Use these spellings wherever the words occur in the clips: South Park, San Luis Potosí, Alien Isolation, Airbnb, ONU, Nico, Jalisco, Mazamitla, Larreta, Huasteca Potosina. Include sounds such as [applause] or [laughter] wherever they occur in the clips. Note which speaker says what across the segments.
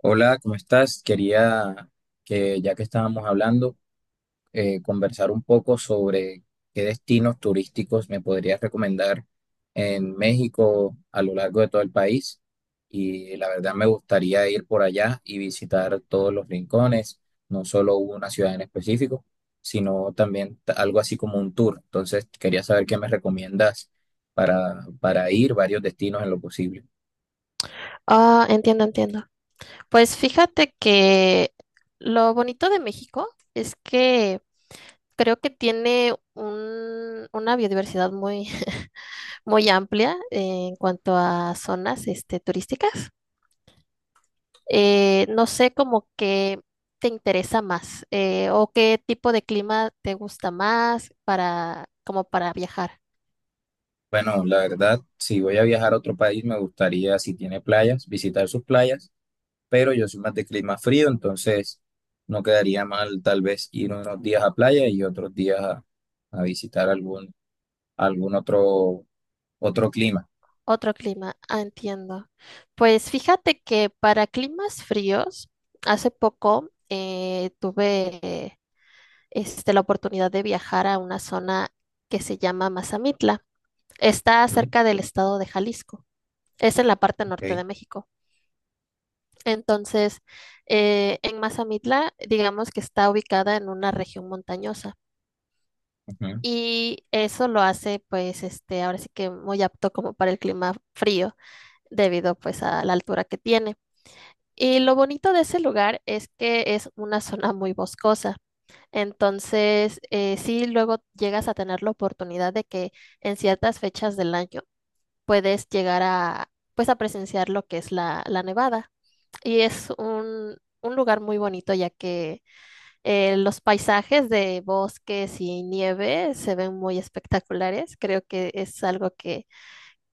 Speaker 1: Hola, ¿cómo estás? Quería que ya que estábamos hablando, conversar un poco sobre qué destinos turísticos me podrías recomendar en México a lo largo de todo el país. Y la verdad me gustaría ir por allá y visitar todos los rincones, no solo una ciudad en específico, sino también algo así como un tour. Entonces quería saber qué me recomiendas para ir varios destinos en lo posible.
Speaker 2: Ah, entiendo, entiendo. Pues fíjate que lo bonito de México es que creo que tiene una biodiversidad muy, [laughs] muy amplia en cuanto a zonas, turísticas. No sé como que te interesa más o qué tipo de clima te gusta más para, como para viajar.
Speaker 1: Bueno, la verdad, si voy a viajar a otro país, me gustaría, si tiene playas, visitar sus playas, pero yo soy más de clima frío, entonces no quedaría mal tal vez ir unos días a playa y otros días a visitar algún otro clima.
Speaker 2: Otro clima, ah, entiendo. Pues fíjate que para climas fríos, hace poco tuve la oportunidad de viajar a una zona que se llama Mazamitla. Está
Speaker 1: ¿Mm?
Speaker 2: cerca del estado de Jalisco. Es en la parte
Speaker 1: Ok,
Speaker 2: norte de México. Entonces, en Mazamitla, digamos que está ubicada en una región montañosa.
Speaker 1: ujú,
Speaker 2: Y eso lo hace, pues, ahora sí que muy apto como para el clima frío, debido pues a la altura que tiene. Y lo bonito de ese lugar es que es una zona muy boscosa. Entonces, sí, luego llegas a tener la oportunidad de que en ciertas fechas del año puedes llegar a, pues, a presenciar lo que es la nevada. Y es un, un lugar muy bonito ya que los paisajes de bosques y nieve se ven muy espectaculares. Creo que es algo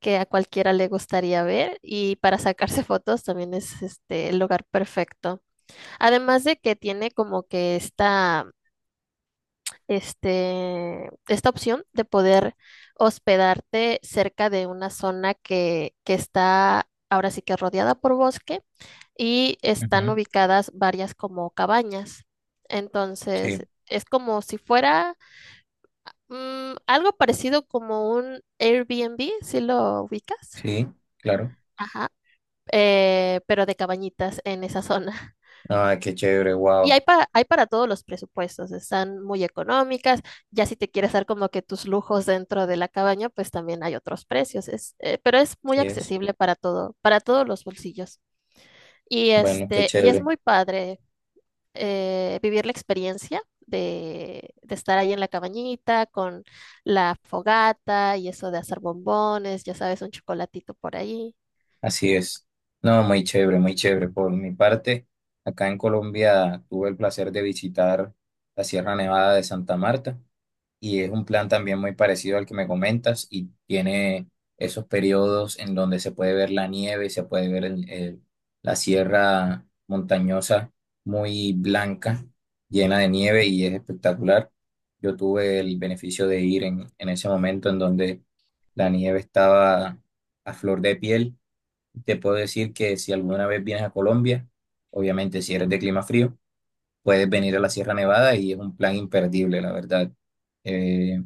Speaker 2: que a cualquiera le gustaría ver y para sacarse fotos también es el lugar perfecto. Además de que tiene como que esta opción de poder hospedarte cerca de una zona que está ahora sí que rodeada por bosque y están
Speaker 1: ujú,
Speaker 2: ubicadas varias como cabañas.
Speaker 1: sí,
Speaker 2: Entonces, es como si fuera algo parecido como un Airbnb, si lo ubicas.
Speaker 1: sí, claro.
Speaker 2: Ajá. Pero de cabañitas en esa zona.
Speaker 1: Ah, qué chévere,
Speaker 2: Y
Speaker 1: wow.
Speaker 2: hay para todos los presupuestos, están muy económicas, ya si te quieres dar como que tus lujos dentro de la cabaña, pues también hay otros precios, pero es muy
Speaker 1: Sí es.
Speaker 2: accesible para para todos los bolsillos. Y
Speaker 1: Bueno, qué
Speaker 2: y es
Speaker 1: chévere.
Speaker 2: muy padre vivir la experiencia de estar ahí en la cabañita con la fogata y eso de hacer bombones, ya sabes, un chocolatito por ahí.
Speaker 1: Así es. No, muy chévere, muy chévere. Por mi parte, acá en Colombia tuve el placer de visitar la Sierra Nevada de Santa Marta y es un plan también muy parecido al que me comentas y tiene esos periodos en donde se puede ver la nieve, se puede ver la sierra montañosa muy blanca, llena de nieve y es espectacular. Yo tuve el beneficio de ir en ese momento en donde la nieve estaba a flor de piel. Te puedo decir que si alguna vez vienes a Colombia, obviamente si eres de clima frío, puedes venir a la Sierra Nevada y es un plan imperdible, la verdad. Eh,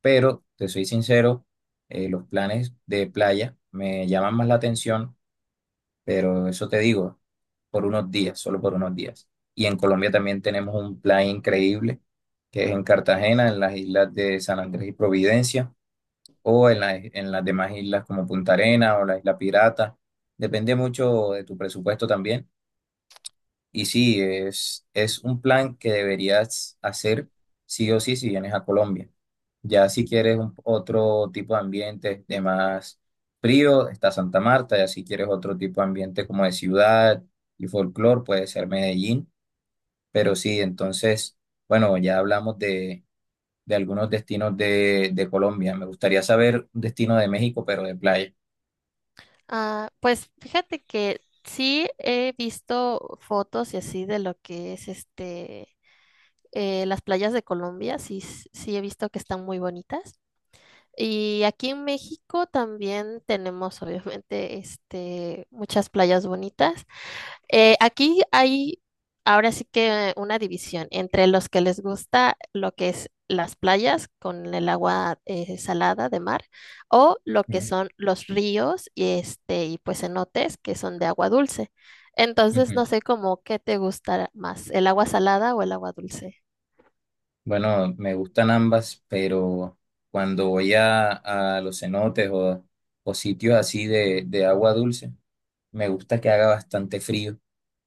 Speaker 1: pero, te soy sincero, los planes de playa me llaman más la atención, pero eso te digo, por unos días, solo por unos días. Y en Colombia también tenemos un plan increíble, que es en Cartagena, en las islas de San Andrés y Providencia o en las demás islas como Punta Arena o la Isla Pirata. Depende mucho de tu presupuesto también. Y sí, es un plan que deberías hacer sí o sí si vienes a Colombia. Ya si quieres otro tipo de ambiente de más frío, está Santa Marta. Ya si quieres otro tipo de ambiente como de ciudad y folclor, puede ser Medellín. Pero sí, entonces, bueno, ya hablamos de algunos destinos de Colombia. Me gustaría saber un destino de México, pero de playa.
Speaker 2: Ah, pues fíjate que sí he visto fotos y así de lo que es las playas de Colombia, sí, sí he visto que están muy bonitas. Y aquí en México también tenemos, obviamente, muchas playas bonitas. Aquí hay ahora sí que una división entre los que les gusta lo que es las playas con el agua salada de mar o lo que
Speaker 1: ¿No?
Speaker 2: son los ríos y y pues cenotes que son de agua dulce. Entonces
Speaker 1: Ujú.
Speaker 2: no sé cómo qué te gustará más, el agua salada o el agua dulce.
Speaker 1: Bueno, me gustan ambas, pero cuando a los cenotes o sitios así de agua dulce, me gusta que haga bastante frío,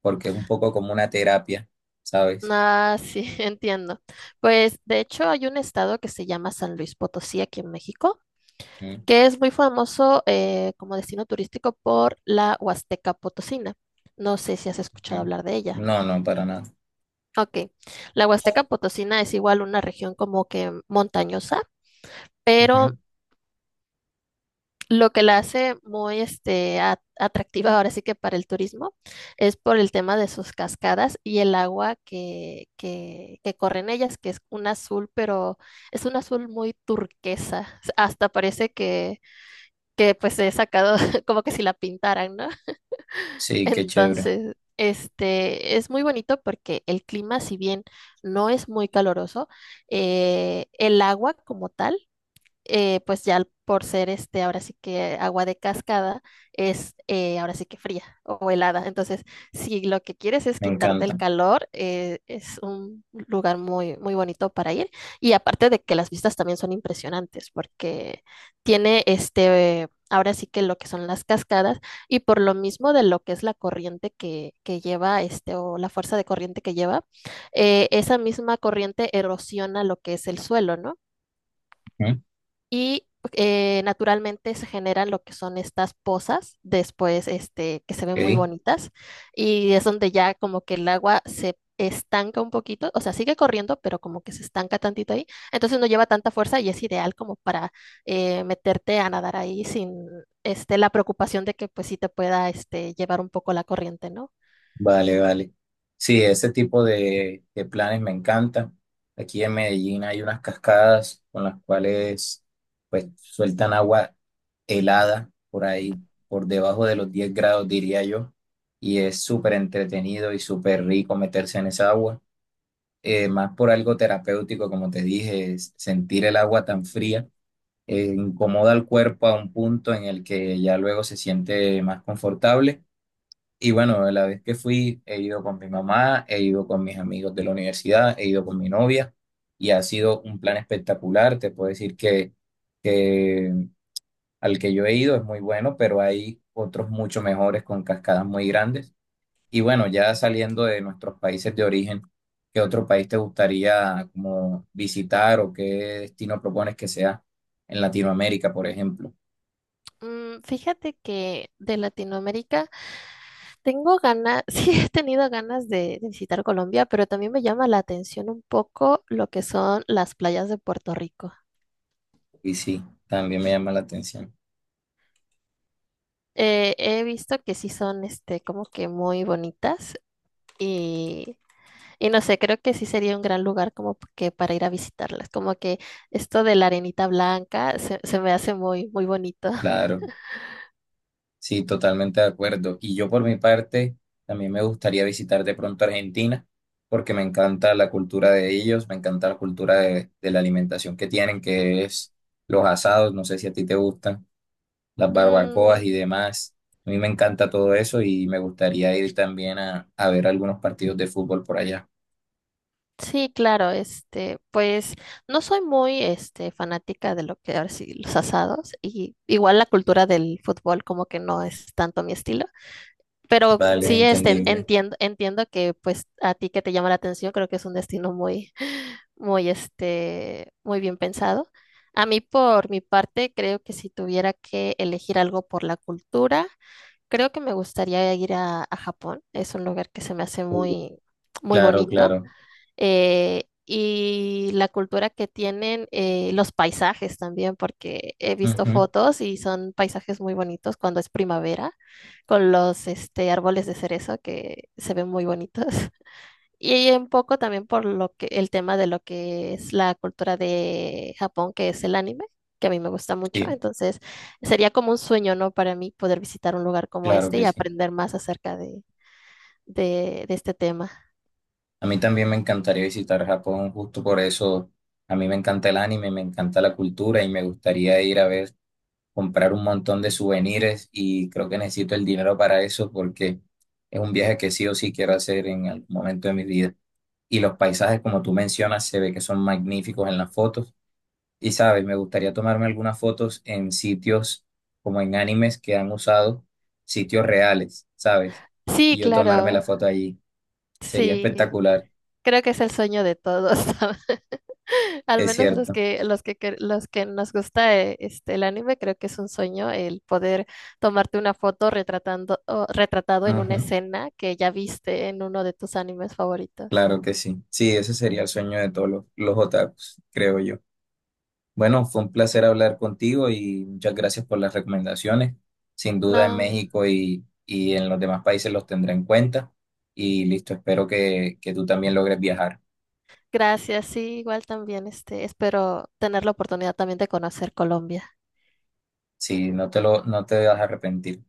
Speaker 1: porque es un poco como una terapia, ¿sabes?
Speaker 2: Ah, sí, [laughs] entiendo. Pues de hecho hay un estado que se llama San Luis Potosí aquí en México,
Speaker 1: Ujú.
Speaker 2: que es muy famoso como destino turístico por la Huasteca Potosina. No sé si has escuchado
Speaker 1: Ujú.
Speaker 2: hablar de ella.
Speaker 1: No, no, para nada.
Speaker 2: Ok, la Huasteca Potosina es igual una región como que montañosa, pero
Speaker 1: Ujú.
Speaker 2: lo que la hace muy atractiva ahora sí que para el turismo es por el tema de sus cascadas y el agua que corre en ellas, que es un azul, pero es un azul muy turquesa. Hasta parece que pues se sacado [laughs] como que si la pintaran, ¿no? [laughs]
Speaker 1: Sí, qué chévere,
Speaker 2: Entonces, es muy bonito porque el clima, si bien no es muy caloroso, el agua como tal pues ya por ser ahora sí que agua de cascada, es ahora sí que fría o helada. Entonces, si lo que quieres es
Speaker 1: me
Speaker 2: quitarte el
Speaker 1: encanta.
Speaker 2: calor, es un lugar muy, muy bonito para ir. Y aparte de que las vistas también son impresionantes, porque tiene ahora sí que lo que son las cascadas, y por lo mismo de lo que es la corriente que lleva, este, o la fuerza de corriente que lleva, esa misma corriente erosiona lo que es el suelo, ¿no?
Speaker 1: Ujú.
Speaker 2: Y naturalmente se generan lo que son estas pozas después, que se ven muy
Speaker 1: Ok.
Speaker 2: bonitas y es donde ya como que el agua se estanca un poquito, o sea, sigue corriendo, pero como que se estanca tantito ahí, entonces no lleva tanta fuerza y es ideal como para meterte a nadar ahí sin la preocupación de que pues sí te pueda llevar un poco la corriente, ¿no?
Speaker 1: Vale, vale. Sí, ese tipo de planes me encantan. Aquí en Medellín hay unas cascadas con las cuales pues sueltan agua helada por ahí, por debajo de los 10 grados, diría yo. Y es súper entretenido y súper rico meterse en esa agua. Más por algo terapéutico, como te dije, es sentir el agua tan fría. Incomoda al cuerpo a un punto en el que ya luego se siente más confortable y bueno, la vez que fui, he ido con mi mamá, he ido con mis amigos de la universidad, he ido con mi novia y ha sido un plan espectacular. Te puedo decir que al que yo he ido es muy bueno, pero hay otros mucho mejores con cascadas muy grandes. Y bueno, ya saliendo de nuestros países de origen, ¿qué otro país te gustaría como visitar o qué destino propones que sea en Latinoamérica, por ejemplo?
Speaker 2: Mm, fíjate que de Latinoamérica tengo ganas, [laughs] sí he tenido ganas de visitar Colombia, pero también me llama la atención un poco lo que son las playas de Puerto Rico.
Speaker 1: Y sí, también me llama la atención.
Speaker 2: He visto que sí son, como que muy bonitas y, y no sé, creo que sí sería un gran lugar como que para ir a visitarlas. Como que esto de la arenita blanca se me hace muy, muy bonito. [laughs]
Speaker 1: Claro. Sí, totalmente de acuerdo. Y yo por mi parte, también me gustaría visitar de pronto Argentina, porque me encanta la cultura de ellos, me encanta la cultura de la alimentación que tienen, que es los asados, no sé si a ti te gustan, las barbacoas
Speaker 2: Mm,
Speaker 1: y demás. A mí me encanta todo eso y me gustaría ir también a ver algunos partidos de fútbol por allá.
Speaker 2: sí, claro, pues no soy muy, fanática de lo que ahora sí, los asados y igual la cultura del fútbol como que no es tanto mi estilo, pero
Speaker 1: Vale,
Speaker 2: sí,
Speaker 1: entendible.
Speaker 2: entiendo, entiendo que pues a ti que te llama la atención creo que es un destino muy, [laughs] muy, muy bien pensado. A mí por mi parte creo que si tuviera que elegir algo por la cultura, creo que me gustaría ir a Japón. Es un lugar que se me hace muy, muy
Speaker 1: Claro,
Speaker 2: bonito
Speaker 1: claro.
Speaker 2: y la cultura que tienen, los paisajes también, porque he visto
Speaker 1: Ujú,
Speaker 2: fotos y son paisajes muy bonitos cuando es primavera, con los árboles de cerezo que se ven muy bonitos. [laughs] Y un poco también por lo que el tema de lo que es la cultura de Japón, que es el anime, que a mí me gusta mucho.
Speaker 1: sí,
Speaker 2: Entonces, sería como un sueño, ¿no? Para mí poder visitar un lugar como
Speaker 1: claro
Speaker 2: este
Speaker 1: que
Speaker 2: y
Speaker 1: sí.
Speaker 2: aprender más acerca de este tema.
Speaker 1: A mí también me encantaría visitar Japón, justo por eso a mí me encanta el anime, me encanta la cultura y me gustaría ir a ver, comprar un montón de souvenirs y creo que necesito el dinero para eso porque es un viaje que sí o sí quiero hacer en algún momento de mi vida. Y los paisajes, como tú mencionas, se ve que son magníficos en las fotos. Y sabes, me gustaría tomarme algunas fotos en sitios como en animes que han usado, sitios reales, ¿sabes?
Speaker 2: Sí,
Speaker 1: Y yo tomarme
Speaker 2: claro.
Speaker 1: la foto allí. Sería
Speaker 2: Sí.
Speaker 1: espectacular,
Speaker 2: Creo que es el sueño de todos, [laughs] al
Speaker 1: es
Speaker 2: menos
Speaker 1: cierto.
Speaker 2: los que nos gusta el anime, creo que es un sueño el poder tomarte una foto retratando, o retratado en una
Speaker 1: Ujú,
Speaker 2: escena que ya viste en uno de tus animes favoritos.
Speaker 1: claro que sí. Sí, ese sería el sueño de todos los otakus, creo yo. Bueno, fue un placer hablar contigo y muchas gracias por las recomendaciones. Sin duda en
Speaker 2: No,
Speaker 1: México y en los demás países los tendré en cuenta. Y listo, espero que tú también logres viajar.
Speaker 2: gracias, sí, igual también, espero tener la oportunidad también de conocer Colombia.
Speaker 1: Sí, no te lo, no te vas a arrepentir.